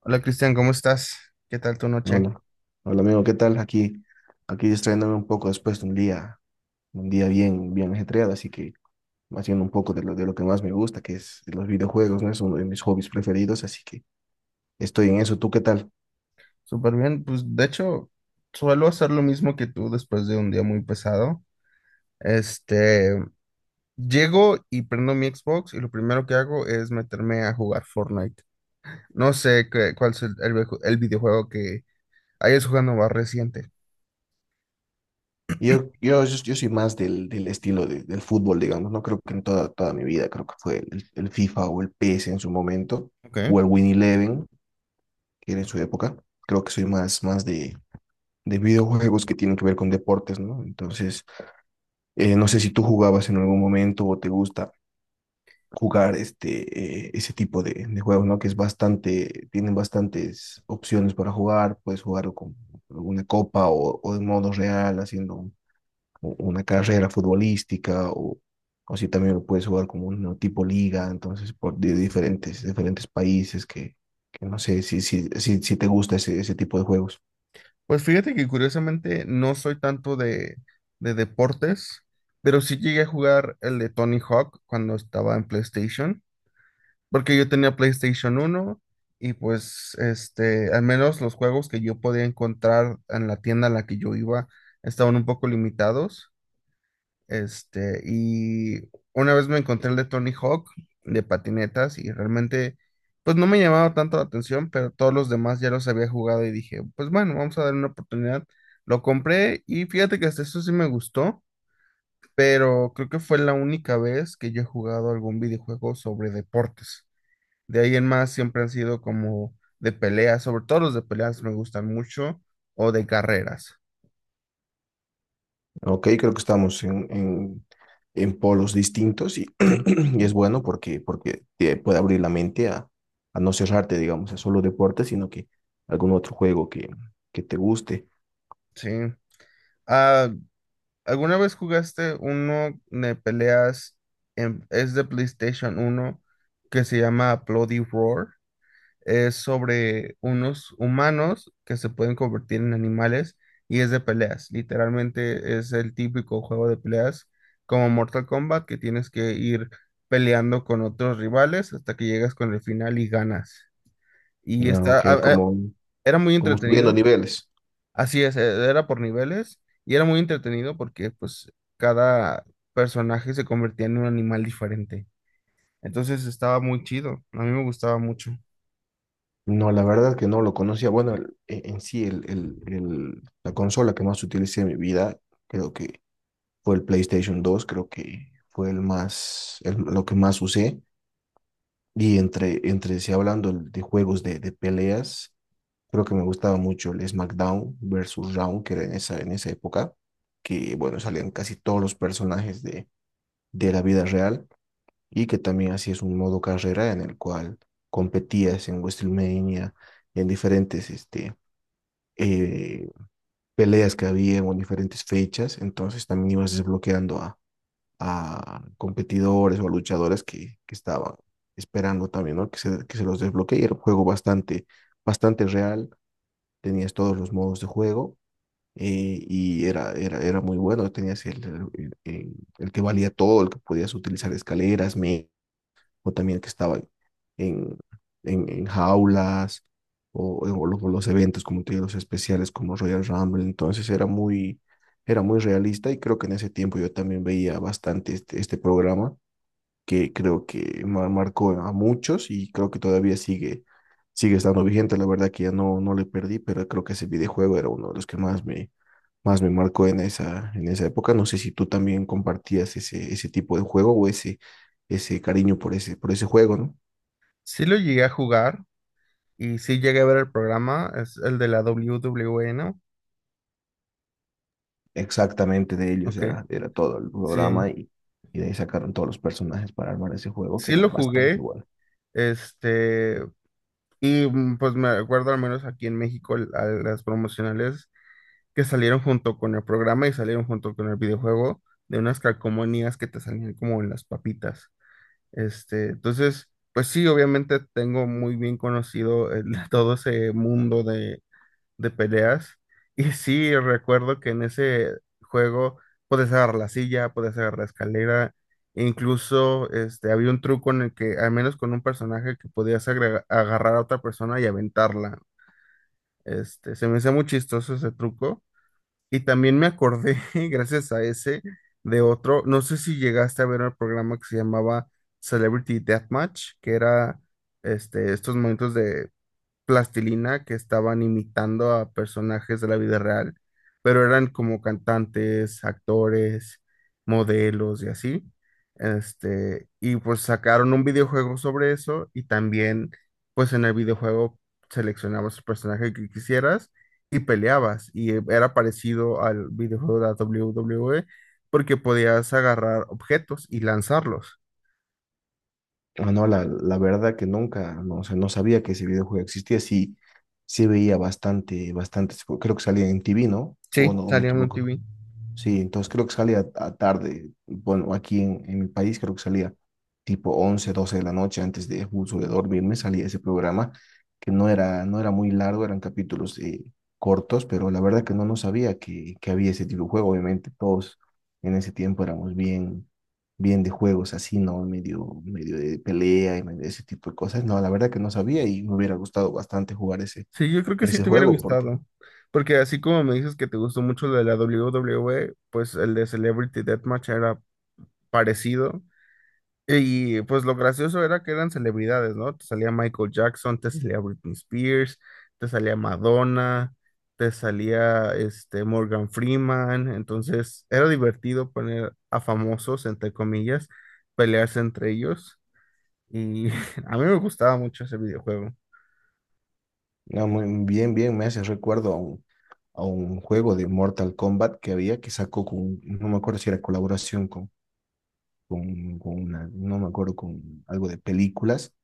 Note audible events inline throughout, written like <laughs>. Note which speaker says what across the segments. Speaker 1: Hola, Cristian, ¿cómo estás? ¿Qué tal tu noche?
Speaker 2: Hola, hola amigo, ¿qué tal? Aquí distrayéndome un poco después de un día bien, bien ajetreado, así que haciendo un poco de lo que más me gusta, que es los videojuegos, ¿no? Es uno de mis hobbies preferidos, así que estoy en eso. ¿Tú qué tal?
Speaker 1: Súper bien, pues de hecho suelo hacer lo mismo que tú después de un día muy pesado. Este, Llego y prendo mi Xbox y lo primero que hago es meterme a jugar Fortnite. No sé cuál es el videojuego que hayas jugando más reciente.
Speaker 2: Yo soy más del estilo del fútbol, digamos. No creo que en toda mi vida, creo que fue el FIFA o el PS en su momento,
Speaker 1: Ok.
Speaker 2: o el Win Eleven, que era en su época. Creo que soy más de videojuegos que tienen que ver con deportes, ¿no? Entonces, no sé si tú jugabas en algún momento o te gusta jugar ese tipo de juegos, ¿no? Que es bastante, tienen bastantes opciones para jugar. Puedes jugar con una copa o de modo real, haciendo una carrera futbolística, o si también lo puedes jugar como un tipo liga. Entonces por de diferentes países, que no sé si te gusta ese tipo de juegos.
Speaker 1: Pues fíjate que curiosamente no soy tanto de deportes, pero sí llegué a jugar el de Tony Hawk cuando estaba en PlayStation. Porque yo tenía PlayStation uno y pues al menos los juegos que yo podía encontrar en la tienda a la que yo iba estaban un poco limitados. Y una vez me encontré el de Tony Hawk de patinetas y realmente pues no me llamaba tanto la atención, pero todos los demás ya los había jugado y dije, pues bueno, vamos a darle una oportunidad. Lo compré y fíjate que hasta eso sí me gustó, pero creo que fue la única vez que yo he jugado algún videojuego sobre deportes. De ahí en más siempre han sido como de peleas, sobre todo los de peleas me gustan mucho, o de carreras.
Speaker 2: Ok, creo que estamos en polos distintos
Speaker 1: Sí.
Speaker 2: <clears throat> y es bueno, porque te puede abrir la mente a no cerrarte, digamos, a solo deporte, sino que algún otro juego que te guste.
Speaker 1: Sí. Ah, ¿alguna vez jugaste uno de peleas en, es de PlayStation uno que se llama Bloody Roar? Es sobre unos humanos que se pueden convertir en animales y es de peleas. Literalmente es el típico juego de peleas como Mortal Kombat que tienes que ir peleando con otros rivales hasta que llegas con el final y ganas. Y
Speaker 2: Ah,
Speaker 1: está,
Speaker 2: Ok, como,
Speaker 1: era muy
Speaker 2: como subiendo
Speaker 1: entretenido,
Speaker 2: niveles.
Speaker 1: así es, era por niveles y era muy entretenido porque pues cada personaje se convertía en un animal diferente. Entonces estaba muy chido, a mí me gustaba mucho.
Speaker 2: No, la verdad que no lo conocía. Bueno, en sí, la consola que más utilicé en mi vida, creo que fue el PlayStation 2. Creo que fue el más, lo que más usé. Y entre sí, hablando de juegos de peleas, creo que me gustaba mucho el SmackDown versus Raw, que era en esa época, que bueno, salían casi todos los personajes de la vida real, y que también así es un modo carrera en el cual competías en WrestleMania, en diferentes eh, peleas que había o en diferentes fechas. Entonces también ibas desbloqueando a competidores o a luchadores que estaban esperando también, ¿no? Que se los desbloquee. Era un juego bastante, bastante real. Tenías todos los modos de juego, y era muy bueno. Tenías el, el- el que valía todo, el que podías utilizar escaleras, o también que estaban en, en jaulas, o los eventos, como te digo, los especiales como Royal Rumble. Entonces era muy realista, y creo que en ese tiempo yo también veía bastante este programa, que creo que marcó a muchos, y creo que todavía sigue estando vigente. La verdad que ya no, no le perdí, pero creo que ese videojuego era uno de los que más me marcó en esa época. No sé si tú también compartías ese tipo de juego, o ese cariño por ese juego, ¿no?
Speaker 1: Sí lo llegué a jugar, y sí llegué a ver el programa, es el de la w WWE, ¿no?
Speaker 2: Exactamente de ellos
Speaker 1: Ok,
Speaker 2: era todo el programa,
Speaker 1: sí,
Speaker 2: y de ahí sacaron todos los personajes para armar ese juego, que
Speaker 1: sí
Speaker 2: era
Speaker 1: lo
Speaker 2: bastante
Speaker 1: jugué,
Speaker 2: bueno.
Speaker 1: este, y mm, pues me acuerdo al menos aquí en México a las promocionales que salieron junto con el programa y salieron junto con el videojuego de unas calcomanías que te salían como en las papitas. Entonces, pues sí, obviamente tengo muy bien conocido <laughs> todo ese mundo de peleas. <laughs> Y sí, recuerdo que en ese juego puedes agarrar la silla, puedes agarrar la escalera, e incluso había un truco en el que, al menos con un personaje, que podías agarrar a otra persona y aventarla. Se me hacía muy chistoso ese truco. Y también me acordé, <laughs> gracias a ese, de otro, no sé si llegaste a ver el programa que se llamaba Celebrity Deathmatch, que era estos momentos de plastilina que estaban imitando a personajes de la vida real, pero eran como cantantes, actores, modelos y así. Y pues sacaron un videojuego sobre eso y también pues en el videojuego seleccionabas el personaje que quisieras y peleabas y era parecido al videojuego de la WWE porque podías agarrar objetos y lanzarlos.
Speaker 2: Ah, no, la verdad que nunca, no, o sea, no sabía que ese videojuego existía. Sí, sí veía bastante, bastantes, creo que salía en TV, ¿no?
Speaker 1: Sí,
Speaker 2: O no, o me
Speaker 1: salía en un T
Speaker 2: equivoco.
Speaker 1: V.
Speaker 2: Sí, entonces creo que salía a tarde. Bueno, aquí en mi país creo que salía tipo 11, 12 de la noche, antes de justo de dormirme. Salía ese programa, que no era muy largo, eran capítulos cortos, pero la verdad que no, no sabía que había ese tipo de juego. Obviamente todos en ese tiempo éramos bien, bien de juegos así, ¿no? Medio, medio de pelea y medio de ese tipo de cosas. No, la verdad que no sabía, y me hubiera gustado bastante jugar ese,
Speaker 1: Sí, yo creo que sí
Speaker 2: ese
Speaker 1: te hubiera
Speaker 2: juego porque…
Speaker 1: gustado, porque así como me dices que te gustó mucho lo de la WWE, pues el de Celebrity Deathmatch era parecido. Y pues lo gracioso era que eran celebridades, ¿no? Te salía Michael Jackson, te salía Britney Spears, te salía Madonna, te salía este Morgan Freeman, entonces era divertido poner a famosos, entre comillas, pelearse entre ellos y <laughs> a mí me gustaba mucho ese videojuego.
Speaker 2: No, muy bien, bien, me hace recuerdo a un juego de Mortal Kombat que había, que sacó con, no me acuerdo si era colaboración con una, no me acuerdo, con algo de películas,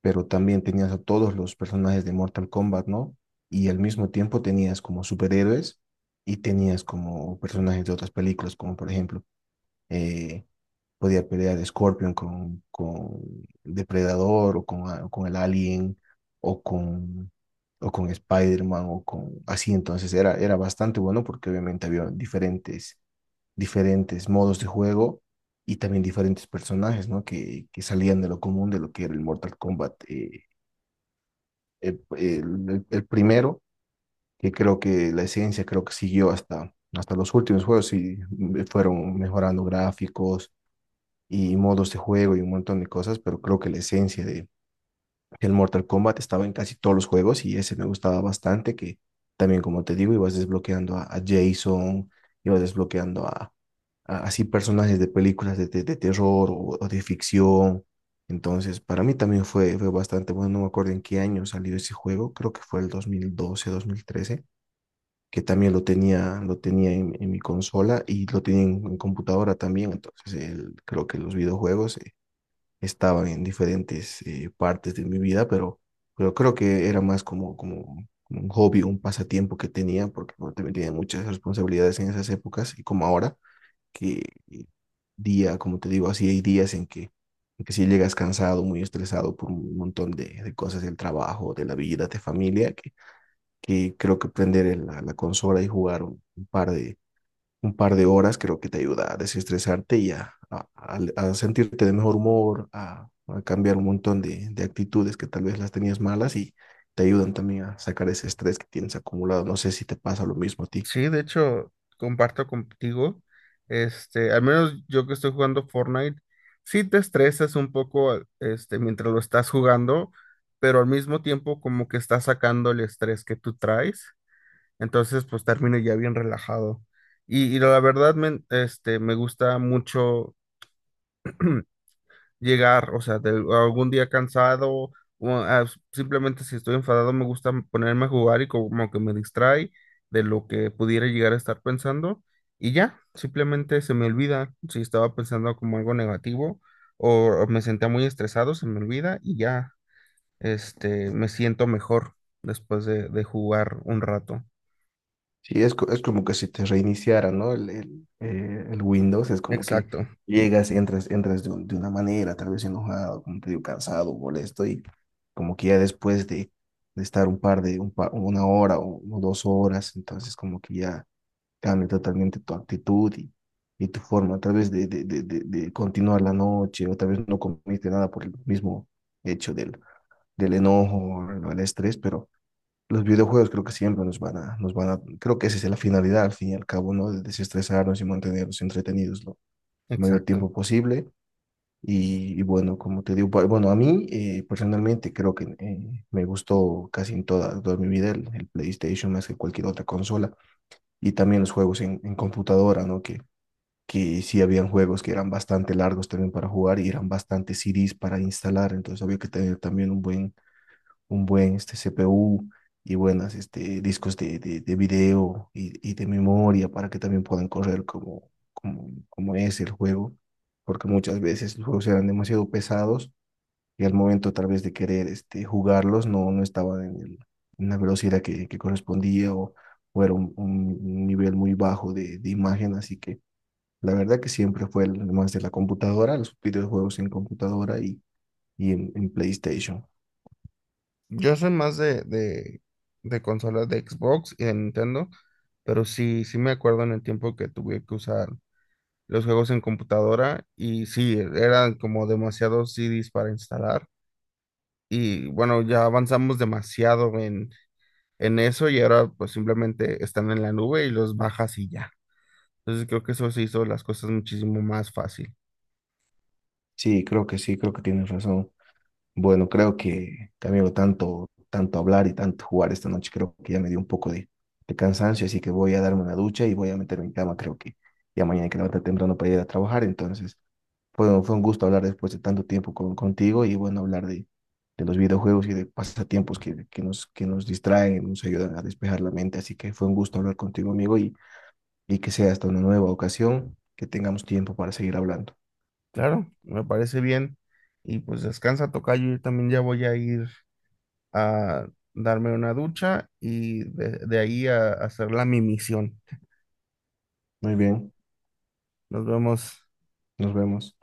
Speaker 2: pero también tenías a todos los personajes de Mortal Kombat, ¿no? Y al mismo tiempo tenías como superhéroes, y tenías como personajes de otras películas. Como por ejemplo, eh, podía pelear Scorpion con Depredador, o con el Alien, o con Spider-Man, o con así. Entonces era bastante bueno, porque obviamente había diferentes modos de juego, y también diferentes personajes, ¿no? Que salían de lo común de lo que era el Mortal Kombat. El, el primero, que creo que la esencia creo que siguió hasta los últimos juegos, y fueron mejorando gráficos y modos de juego y un montón de cosas. Pero creo que la esencia de el Mortal Kombat estaba en casi todos los juegos, y ese me gustaba bastante. Que también como te digo, ibas desbloqueando a Jason, ibas desbloqueando así personajes de películas de terror, o de ficción. Entonces, para mí también fue bastante bueno. No me acuerdo en qué año salió ese juego, creo que fue el 2012 2013, que también lo tenía en mi consola, y lo tenía en computadora también. Entonces, creo que los videojuegos estaban en diferentes partes de mi vida, pero creo que era más como un hobby, un pasatiempo que tenía. Porque bueno, también tenía muchas responsabilidades en esas épocas, y como ahora, que eh, día, como te digo, así hay días en que si llegas cansado, muy estresado por un montón de cosas del trabajo, de la vida, de familia, que creo que prender la consola y jugar un par de horas creo que te ayuda a desestresarte, y a sentirte de mejor humor, a cambiar un montón de actitudes que tal vez las tenías malas, y te ayudan también a sacar ese estrés que tienes acumulado. No sé si te pasa lo mismo a ti.
Speaker 1: Sí, de hecho, comparto contigo. Al menos yo que estoy jugando Fortnite, sí te estresas un poco, mientras lo estás jugando, pero al mismo tiempo como que estás sacando el estrés que tú traes. Entonces, pues termino ya bien relajado. Y la verdad, me gusta mucho <clears throat> llegar, o sea, de algún día cansado, o ah, simplemente si estoy enfadado me gusta ponerme a jugar y como que me distrae de lo que pudiera llegar a estar pensando y ya, simplemente se me olvida si estaba pensando como algo negativo o, o me sentía muy estresado, se me olvida y ya, me siento mejor después de jugar un rato.
Speaker 2: Sí, es como que si te reiniciara, ¿no? El Windows, es como que
Speaker 1: Exacto,
Speaker 2: llegas, entras de una manera tal vez enojado, como te digo, cansado, molesto, y como que ya después de estar un par de, un pa- una hora o 2 horas, entonces como que ya cambia totalmente tu actitud, y tu forma tal vez de continuar la noche, o tal vez no comiste nada por el mismo hecho del enojo, o el estrés. Pero los videojuegos, creo que siempre creo que esa es la finalidad al fin y al cabo, ¿no? De desestresarnos y mantenernos entretenidos lo mayor
Speaker 1: exacto.
Speaker 2: tiempo posible. Y bueno, como te digo, a mí personalmente creo que me gustó casi en toda mi vida el PlayStation, más que cualquier otra consola, y también los juegos en computadora, ¿no? Que sí habían juegos que eran bastante largos también para jugar, y eran bastante CDs para instalar. Entonces había que tener también un buen, CPU, y buenas discos de video y de memoria, para que también puedan correr como es el juego, porque muchas veces los juegos eran demasiado pesados, y al momento tal vez de querer jugarlos no, no estaban en la velocidad que correspondía, o era un nivel muy bajo de imagen. Así que la verdad que siempre fue el más de la computadora, los videojuegos en computadora, y en PlayStation.
Speaker 1: Yo soy más de consolas de Xbox y de Nintendo, pero sí, sí me acuerdo en el tiempo que tuve que usar los juegos en computadora y sí, eran como demasiados CDs para instalar. Y bueno, ya avanzamos demasiado en eso y ahora pues simplemente están en la nube y los bajas y ya. Entonces creo que eso se hizo las cosas muchísimo más fácil.
Speaker 2: Sí, creo que tienes razón. Bueno, creo amigo, tanto hablar y tanto jugar esta noche, creo que ya me dio un poco de cansancio, así que voy a darme una ducha y voy a meterme en cama. Creo que ya mañana hay que levantar temprano para ir a trabajar. Entonces, fue un gusto hablar después de tanto tiempo contigo, y bueno, hablar de los videojuegos y de pasatiempos que nos distraen y nos ayudan a despejar la mente. Así que fue un gusto hablar contigo, amigo, y que sea hasta una nueva ocasión, que tengamos tiempo para seguir hablando.
Speaker 1: Claro, me parece bien. Y pues descansa, tocayo, yo también ya voy a ir a darme una ducha y de ahí a hacer la mi misión.
Speaker 2: Muy bien,
Speaker 1: Nos vemos.
Speaker 2: nos vemos.